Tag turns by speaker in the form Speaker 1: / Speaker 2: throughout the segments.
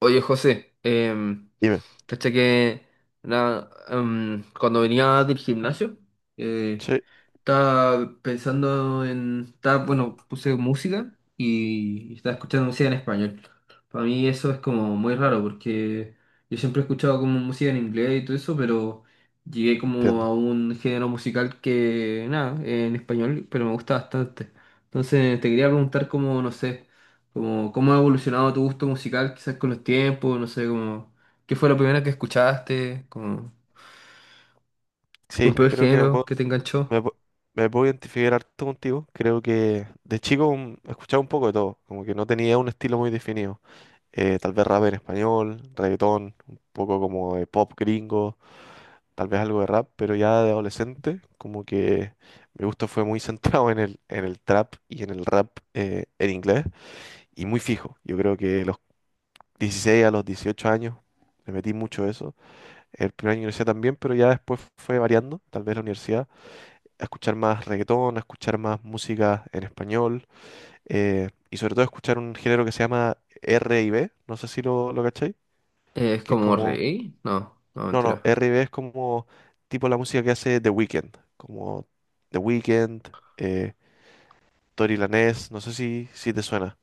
Speaker 1: Oye, José,
Speaker 2: Dime.
Speaker 1: caché que cuando venía del gimnasio, eh,
Speaker 2: Sí,
Speaker 1: estaba pensando en, estaba, bueno, puse música y estaba escuchando música en español. Para mí eso es como muy raro porque yo siempre he escuchado como música en inglés y todo eso, pero llegué como
Speaker 2: entiendo.
Speaker 1: a un género musical que, nada, en español, pero me gusta bastante. Entonces te quería preguntar como, no sé, como cómo ha evolucionado tu gusto musical quizás con los tiempos, no sé, como qué fue lo primero que escuchaste, como
Speaker 2: Sí,
Speaker 1: un primer
Speaker 2: creo que me
Speaker 1: género
Speaker 2: puedo,
Speaker 1: que te enganchó.
Speaker 2: me, pu- me puedo identificar harto contigo. Creo que de chico escuchaba un poco de todo, como que no tenía un estilo muy definido. Tal vez rap en español, reggaetón, un poco como de pop gringo, tal vez algo de rap, pero ya de adolescente, como que mi gusto fue muy centrado en el trap y en el rap en inglés y muy fijo. Yo creo que los 16 a los 18 años me metí mucho eso. El primer año de universidad también, pero ya después fue variando, tal vez la universidad, a escuchar más reggaetón, a escuchar más música en español, y sobre todo a escuchar un género que se llama R&B, no sé si lo cacháis,
Speaker 1: Es
Speaker 2: que es
Speaker 1: como
Speaker 2: como,
Speaker 1: rey. No, no,
Speaker 2: no, no,
Speaker 1: mentira.
Speaker 2: R&B es como tipo la música que hace The Weeknd, como The Weeknd, eh, Tory Lanez, no sé si te suena,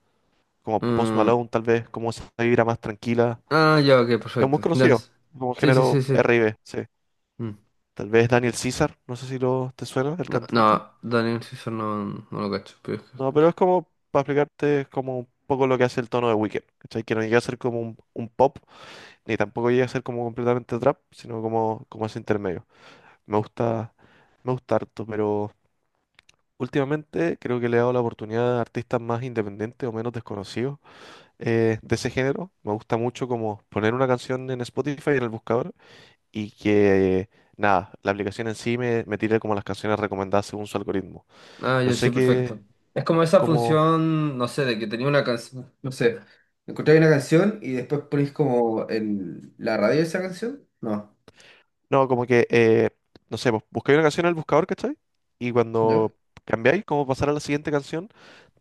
Speaker 2: como Post
Speaker 1: Mm,
Speaker 2: Malone tal vez, como esa vibra más tranquila,
Speaker 1: ah, ya, ok,
Speaker 2: es muy
Speaker 1: perfecto. Ya.
Speaker 2: conocido,
Speaker 1: Es-
Speaker 2: como
Speaker 1: Sí, sí,
Speaker 2: género
Speaker 1: sí, sí.
Speaker 2: R&B, sí.
Speaker 1: Mm.
Speaker 2: Tal vez Daniel César, no sé si te suena, el
Speaker 1: No,
Speaker 2: cantante.
Speaker 1: no, Daniel Caesar no, no lo cacho, pero es que
Speaker 2: No,
Speaker 1: escucho.
Speaker 2: pero es como, para explicarte, es como un poco lo que hace el tono de Weekend, ¿cachai? Que no llega a ser como un pop, ni tampoco llega a ser como completamente trap, sino como ese intermedio. Me gusta, me gusta harto, pero últimamente creo que le he dado la oportunidad a artistas más independientes o menos desconocidos de ese género. Me gusta mucho como poner una canción en Spotify, en el buscador, y que, nada, la aplicación en sí me tire como las canciones recomendadas según su algoritmo.
Speaker 1: Ah,
Speaker 2: No
Speaker 1: ya, sí,
Speaker 2: sé qué,
Speaker 1: perfecto. Es como esa
Speaker 2: como,
Speaker 1: función, no sé, de que tenía una canción, no sé, encontráis una canción y después ponéis como el, la radio de esa canción. No,
Speaker 2: no, como que, no sé, pues, buscáis una canción en el buscador, ¿cachai? Y
Speaker 1: ¿yo?
Speaker 2: cuando cambiáis, como pasar a la siguiente canción,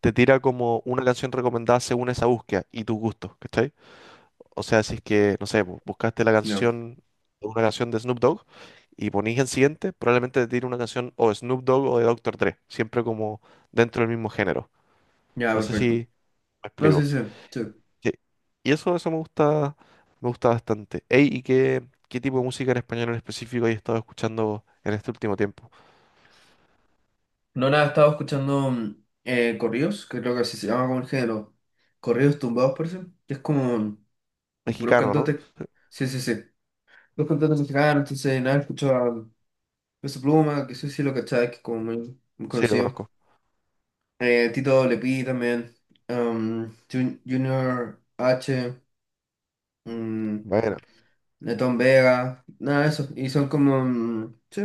Speaker 2: te tira como una canción recomendada según esa búsqueda y tus gustos, ¿cachai? O sea, si es que, no sé, pues, buscaste la
Speaker 1: No,
Speaker 2: canción, una canción de Snoop Dogg y ponís en siguiente, probablemente te tire una canción o de Snoop Dogg o de Doctor Dre, siempre como dentro del mismo género.
Speaker 1: ya,
Speaker 2: No sé
Speaker 1: perfecto.
Speaker 2: si me
Speaker 1: No, sí,
Speaker 2: explico.
Speaker 1: sí, sí.
Speaker 2: Sí. Y eso me gusta bastante. Ey, ¿y qué tipo de música en español en específico has estado escuchando en este último tiempo?
Speaker 1: No, nada, estaba escuchando corridos, que creo que así se llama como el género. Corridos tumbados, parece. Que es como un puros
Speaker 2: Mexicano, ¿no?
Speaker 1: cantantes. Sí, sí, sí. Los cantantes mexicanos, entonces nada, escucho a Peso Pluma, que sí, sí lo cachai, que es como muy, muy
Speaker 2: Sí, lo
Speaker 1: conocido.
Speaker 2: conozco.
Speaker 1: Tito Lepi también. um, Junior H. um,
Speaker 2: Bueno.
Speaker 1: Netón Vega. Nada de eso. Y son como. Sí,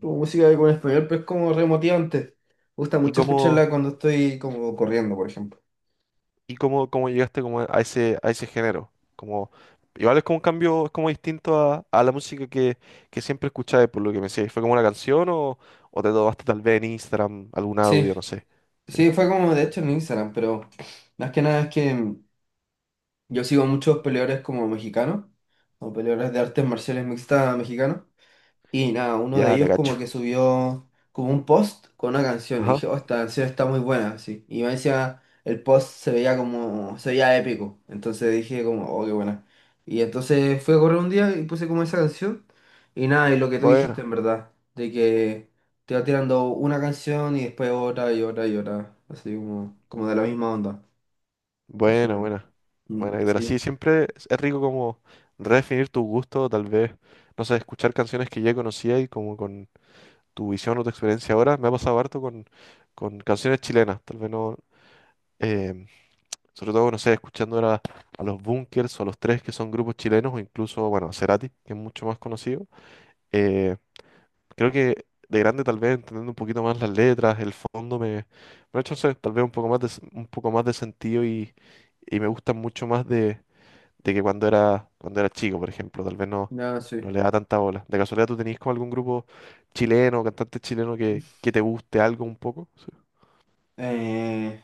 Speaker 1: como música con español, pero es como re motivante. Me gusta
Speaker 2: ¿Y
Speaker 1: mucho escucharla
Speaker 2: cómo,
Speaker 1: cuando estoy como corriendo, por ejemplo.
Speaker 2: y cómo llegaste como a ese género? Como, igual es como un cambio, es como distinto a la música que siempre escuchabas, por lo que me decías. ¿Fue como una canción o te tomaste tal vez en Instagram algún
Speaker 1: Sí,
Speaker 2: audio, no sé? Sí.
Speaker 1: sí, fue como de hecho en Instagram, pero más que nada es que yo sigo muchos peleadores como mexicanos, o peleadores de artes marciales mixtas mexicanos. Y nada, uno de
Speaker 2: Ya, te
Speaker 1: ellos
Speaker 2: cacho.
Speaker 1: como que subió como un post con una canción. Y
Speaker 2: Ajá.
Speaker 1: dije, oh, esta canción está muy buena, así. Y me decía, el post se veía como, se veía épico. Entonces dije como, oh, qué buena. Y entonces fui a correr un día y puse como esa canción. Y nada, y lo que tú dijiste
Speaker 2: Bueno.
Speaker 1: en verdad, de que te va tirando una canción y después otra y otra y otra. Así como, como de la misma onda. No sé.
Speaker 2: Buena, buena.
Speaker 1: Mm,
Speaker 2: Buena, Hidra. Sí,
Speaker 1: sí,
Speaker 2: siempre es rico como redefinir tu gusto, tal vez, no sé, escuchar canciones que ya conocía y como con tu visión o tu experiencia ahora. Me ha pasado harto con canciones chilenas, tal vez no, em, sobre todo, no sé, escuchando ahora a los Bunkers o a los Tres, que son grupos chilenos, o incluso, bueno, a Cerati, que es mucho más conocido. Eh, Creo que de grande, tal vez, entendiendo un poquito más las letras, el fondo, me ha hecho, no sé, tal vez un poco más de, s- un poco más de sentido y me gustan mucho más de que cuando era chico, por ejemplo, tal vez no,
Speaker 1: nada,
Speaker 2: no
Speaker 1: sí.
Speaker 2: le da tanta bola. ¿De casualidad tú tenías como algún grupo chileno, cantante chileno que te guste algo un poco? Sí.
Speaker 1: Eh,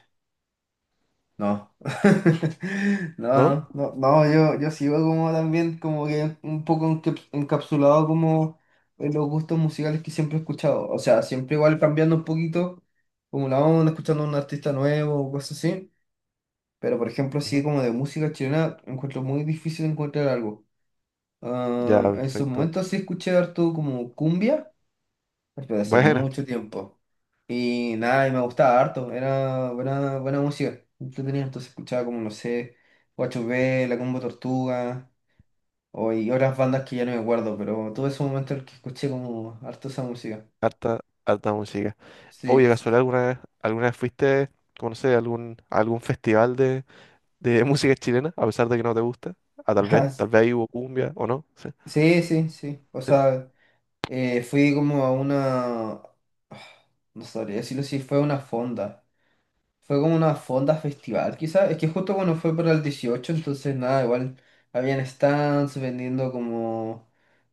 Speaker 1: no. No,
Speaker 2: ¿No?
Speaker 1: no, no, no, yo sigo como también, como que un poco encapsulado como en los gustos musicales que siempre he escuchado. O sea, siempre igual cambiando un poquito, como la onda, escuchando a un artista nuevo o cosas así. Pero por ejemplo, así
Speaker 2: Ujú.
Speaker 1: como de música chilena, encuentro muy difícil encontrar algo.
Speaker 2: Ya,
Speaker 1: Ah, en su
Speaker 2: perfecto.
Speaker 1: momento sí escuché harto como cumbia, pero hace
Speaker 2: Bueno,
Speaker 1: mucho tiempo. Y nada, y me gustaba harto, era buena, buena música. Yo tenía entonces escuchaba como, no sé, 8B, La Combo Tortuga, o, y otras bandas que ya no me acuerdo, pero tuve ese momento en el que escuché como harto esa música.
Speaker 2: harta, harta música.
Speaker 1: Sí,
Speaker 2: Oye,
Speaker 1: sí. Sí.
Speaker 2: ¿casualidad alguna vez fuiste, como no sé, a algún festival de música chilena, a pesar de que no te gusta? Ah, tal
Speaker 1: Ah,
Speaker 2: vez,
Speaker 1: s-
Speaker 2: tal vez ahí hubo cumbia, ¿o no? Sí,
Speaker 1: sí, sí, sí. O
Speaker 2: sí.
Speaker 1: sea, fui como a una... ah, no sabría decirlo si fue a una fonda. Fue como una fonda festival, quizás. Es que justo cuando fue para el 18 entonces nada, igual habían stands vendiendo como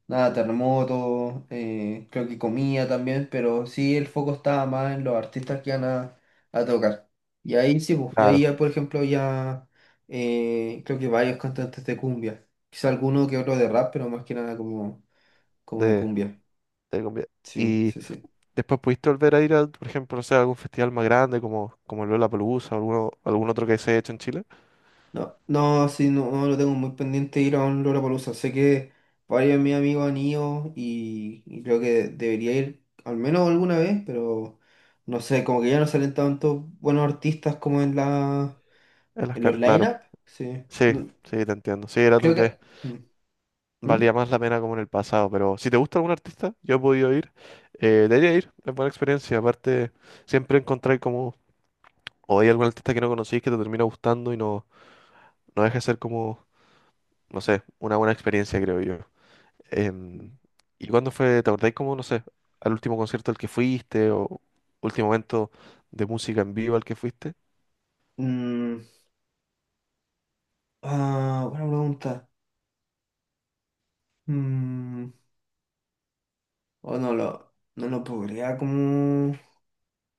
Speaker 1: nada, terremotos, creo que comida también, pero sí el foco estaba más en los artistas que iban a tocar. Y ahí sí, pues, y ahí
Speaker 2: Claro,
Speaker 1: ya, por ejemplo, ya creo que varios cantantes de cumbia. Quizá alguno que otro de rap, pero más que nada como, como de
Speaker 2: de,
Speaker 1: cumbia.
Speaker 2: de cumbia.
Speaker 1: Sí,
Speaker 2: Y
Speaker 1: sí, sí.
Speaker 2: después pudiste volver a ir a, por ejemplo, no sé, a algún festival más grande como el Lollapalooza o algún otro que se haya hecho en Chile.
Speaker 1: No, no, sí, no, no lo tengo muy pendiente ir a un Lollapalooza. Sé que varios de mis amigos han ido y creo que debería ir al menos alguna vez, pero no sé, como que ya no salen tantos buenos artistas como en la en los
Speaker 2: Claro.
Speaker 1: line-up. Sí.
Speaker 2: Sí,
Speaker 1: No,
Speaker 2: sí, te entiendo. Sí, era tal
Speaker 1: creo que.
Speaker 2: vez,
Speaker 1: ¿Mm?
Speaker 2: valía
Speaker 1: ¿Mm?
Speaker 2: más la pena como en el pasado, pero si te gusta algún artista, yo he podido ir, debería ir, es buena experiencia. Aparte, siempre encontrar como, o hay algún artista que no conocís que te termina gustando y no deja de ser como, no sé, una buena experiencia, creo yo. Em, ¿y cuándo fue, te acordáis como, no sé, al último concierto al que fuiste o último evento de música en vivo al que fuiste?
Speaker 1: Mm, ah, buena pregunta. Mm, o no lo, no lo podría como,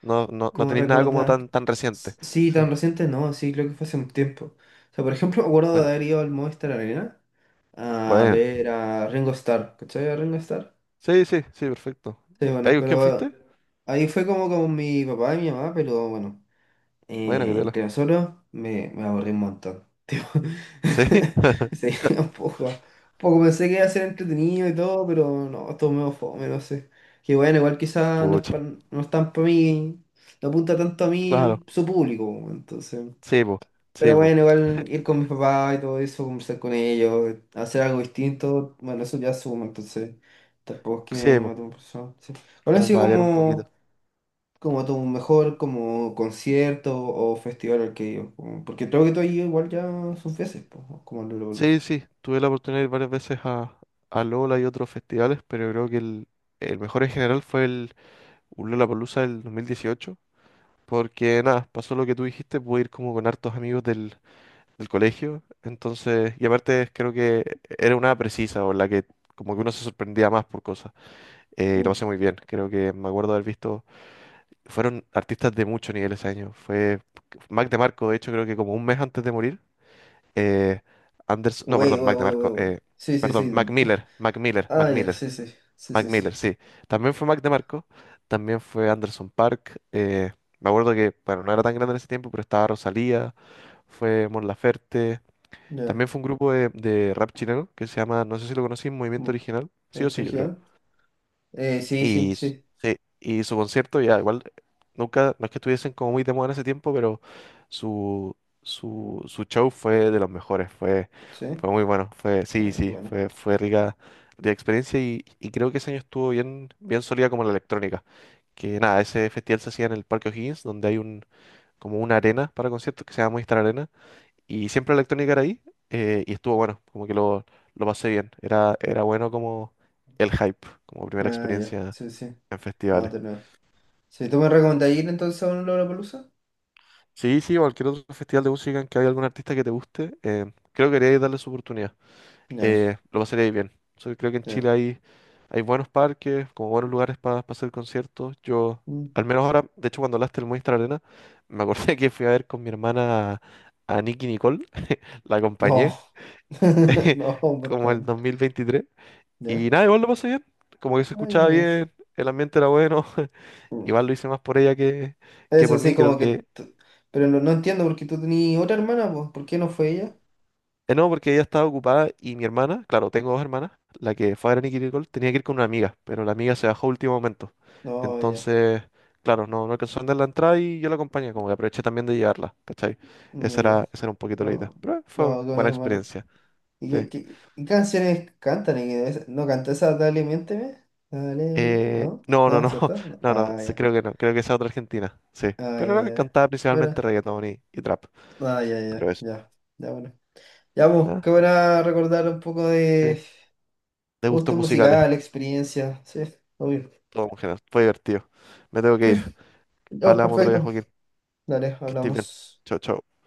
Speaker 2: No, no, no
Speaker 1: como
Speaker 2: tenéis nada como
Speaker 1: recordar.
Speaker 2: tan reciente.
Speaker 1: Sí,
Speaker 2: Sí,
Speaker 1: tan reciente no, sí, creo que fue hace un tiempo. O sea, por ejemplo, me acuerdo de
Speaker 2: bueno,
Speaker 1: haber ido al Movistar Arena a
Speaker 2: bueno.
Speaker 1: ver a Ringo Starr. ¿Cachai a Ringo Starr?
Speaker 2: Sí, sí, sí, perfecto.
Speaker 1: Sí, bueno,
Speaker 2: ¿Ahí con quién fuiste?
Speaker 1: pero ahí fue como con mi papá y mi mamá, pero bueno,
Speaker 2: Bueno, qué tela.
Speaker 1: entre nosotros me, me aburrí un montón. Tipo,
Speaker 2: Sí,
Speaker 1: sí, un poco pensé que iba a ser entretenido y todo, pero no, estuvo medio fome, no sé. Que bueno, igual quizás no es,
Speaker 2: pucha,
Speaker 1: no es tan para mí, no apunta tanto a mí
Speaker 2: claro.
Speaker 1: su público, entonces.
Speaker 2: Sí, po,
Speaker 1: Pero
Speaker 2: sí, po,
Speaker 1: bueno, igual ir con mis papás y todo eso, conversar con ellos, hacer algo distinto, bueno, eso ya suma, entonces tampoco es que
Speaker 2: sí,
Speaker 1: me
Speaker 2: po,
Speaker 1: tengo profesor. Sí. ¿Cuál ha
Speaker 2: como
Speaker 1: sido
Speaker 2: para variar un poquito.
Speaker 1: como, como tu mejor como concierto o festival al que he ido? Como- Porque creo que tú has ido igual ya sus veces, pues, ¿no? Como al Lollapalooza.
Speaker 2: Sí, sí, tuve la oportunidad de ir varias veces a Lola y otros festivales, pero creo que el mejor en general fue el Lollapalooza del 2018. Porque nada, pasó lo que tú dijiste, pude ir como con hartos amigos del colegio. Entonces, y aparte creo que era una precisa o la que como que uno se sorprendía más por cosas. Y lo
Speaker 1: Mm.
Speaker 2: pasé muy bien. Creo que me acuerdo haber visto, fueron artistas de mucho nivel ese año. Fue Mac DeMarco, de hecho, creo que como un mes antes de morir. Eh, Anders, no,
Speaker 1: Güey,
Speaker 2: perdón,
Speaker 1: güey,
Speaker 2: Mac
Speaker 1: güey, güey,
Speaker 2: DeMarco,
Speaker 1: güey. Sí, sí,
Speaker 2: perdón, Mac
Speaker 1: sí.
Speaker 2: Miller, Mac Miller, Mac
Speaker 1: Ah, ya,
Speaker 2: Miller.
Speaker 1: sí, sí, sí,
Speaker 2: Mac
Speaker 1: sí, sí.
Speaker 2: Miller, sí. También fue Mac DeMarco, también fue Anderson Park. Me acuerdo que, bueno, no era tan grande en ese tiempo, pero estaba Rosalía, fue Mon Laferte.
Speaker 1: Ya.
Speaker 2: También fue un grupo de rap chileno que se llama, no sé si lo conocí,
Speaker 1: Mm.
Speaker 2: Movimiento Original.
Speaker 1: ¿Me
Speaker 2: Sí o sí, yo creo.
Speaker 1: distrajeron? Sí,
Speaker 2: Y,
Speaker 1: sí,
Speaker 2: s-
Speaker 1: sí,
Speaker 2: sí, y su concierto, ya igual, nunca, no es que estuviesen como muy de moda en ese tiempo, pero su, su show fue de los mejores, fue,
Speaker 1: sí.
Speaker 2: fue muy bueno,
Speaker 1: Ah,
Speaker 2: sí, sí,
Speaker 1: bueno.
Speaker 2: fue rica, de experiencia y creo que ese año estuvo bien, bien sólida como la electrónica. Que nada, ese festival se hacía en el Parque O'Higgins, donde hay como una arena para conciertos que se llama Movistar Arena, y siempre la electrónica era ahí, y estuvo bueno, como que lo pasé bien, era bueno como el hype, como primera
Speaker 1: Ah, ya,
Speaker 2: experiencia
Speaker 1: sí, sí.
Speaker 2: en
Speaker 1: No,
Speaker 2: festivales.
Speaker 1: de nuevo. Si tú me recomendas ir entonces a un Lollapalooza,
Speaker 2: Sí, sí, cualquier otro festival de música en que haya algún artista que te guste, creo que deberíais darle su oportunidad.
Speaker 1: nice.
Speaker 2: Lo pasaréis bien. So, creo que en
Speaker 1: Ya.
Speaker 2: Chile hay buenos parques, como buenos lugares para hacer conciertos. Yo,
Speaker 1: Mm.
Speaker 2: al menos ahora, de hecho, cuando hablaste del Movistar Arena, me acordé que fui a ver con mi hermana a Nicky Nicole, la
Speaker 1: No,
Speaker 2: acompañé,
Speaker 1: no,
Speaker 2: como el
Speaker 1: bastante.
Speaker 2: 2023.
Speaker 1: Ya,
Speaker 2: Y nada, igual lo pasé bien. Como que se
Speaker 1: ah, ya,
Speaker 2: escuchaba
Speaker 1: nice.
Speaker 2: bien, el ambiente era bueno.
Speaker 1: Mm.
Speaker 2: Igual lo hice más por ella que
Speaker 1: Es
Speaker 2: por
Speaker 1: así
Speaker 2: mí. Creo
Speaker 1: como que.
Speaker 2: que
Speaker 1: T- Pero no, no entiendo porque tú tenías otra hermana, pues. ¿Por qué no fue ella?
Speaker 2: No, porque ella estaba ocupada y mi hermana, claro, tengo dos hermanas, la que fue a Granny Kirikol tenía que ir con una amiga, pero la amiga se bajó a último momento.
Speaker 1: No, ya,
Speaker 2: Entonces, claro, no alcanzó a andar la entrada y yo la acompañé, como que aproveché también de llevarla, ¿cachai?
Speaker 1: no,
Speaker 2: Esa
Speaker 1: ya.
Speaker 2: era, esa era un poquito la idea.
Speaker 1: No,
Speaker 2: Pero
Speaker 1: no,
Speaker 2: fue
Speaker 1: con
Speaker 2: buena
Speaker 1: hermano.
Speaker 2: experiencia,
Speaker 1: ¿Y
Speaker 2: sí.
Speaker 1: qué, qué canciones cantan? ¿Y qué es- ¿No canta esa Dale, miénteme? Dale, miénteme. ¿No?
Speaker 2: No, no,
Speaker 1: ¿No,
Speaker 2: no,
Speaker 1: cierto? No.
Speaker 2: no, no,
Speaker 1: Ah,
Speaker 2: sí,
Speaker 1: ya.
Speaker 2: creo que no, creo que esa es otra Argentina, sí.
Speaker 1: Ah,
Speaker 2: Pero
Speaker 1: ya,
Speaker 2: no,
Speaker 1: ya.
Speaker 2: cantaba principalmente
Speaker 1: ¿Verdad?
Speaker 2: reggaetón y trap,
Speaker 1: Ah, ya,
Speaker 2: pero
Speaker 1: ya,
Speaker 2: eso.
Speaker 1: ya. Ya, bueno. Ya, pues, qué
Speaker 2: ¿No?
Speaker 1: buena recordar un poco
Speaker 2: Sí,
Speaker 1: de
Speaker 2: de
Speaker 1: gusto
Speaker 2: gustos musicales,
Speaker 1: musical, experiencia. Sí, obvio.
Speaker 2: todo en general, fue divertido. Me tengo que ir.
Speaker 1: Ya, pues,
Speaker 2: Hablamos otro día,
Speaker 1: perfecto.
Speaker 2: Joaquín.
Speaker 1: Dale,
Speaker 2: Que estés bien.
Speaker 1: hablamos.
Speaker 2: Chao, chao.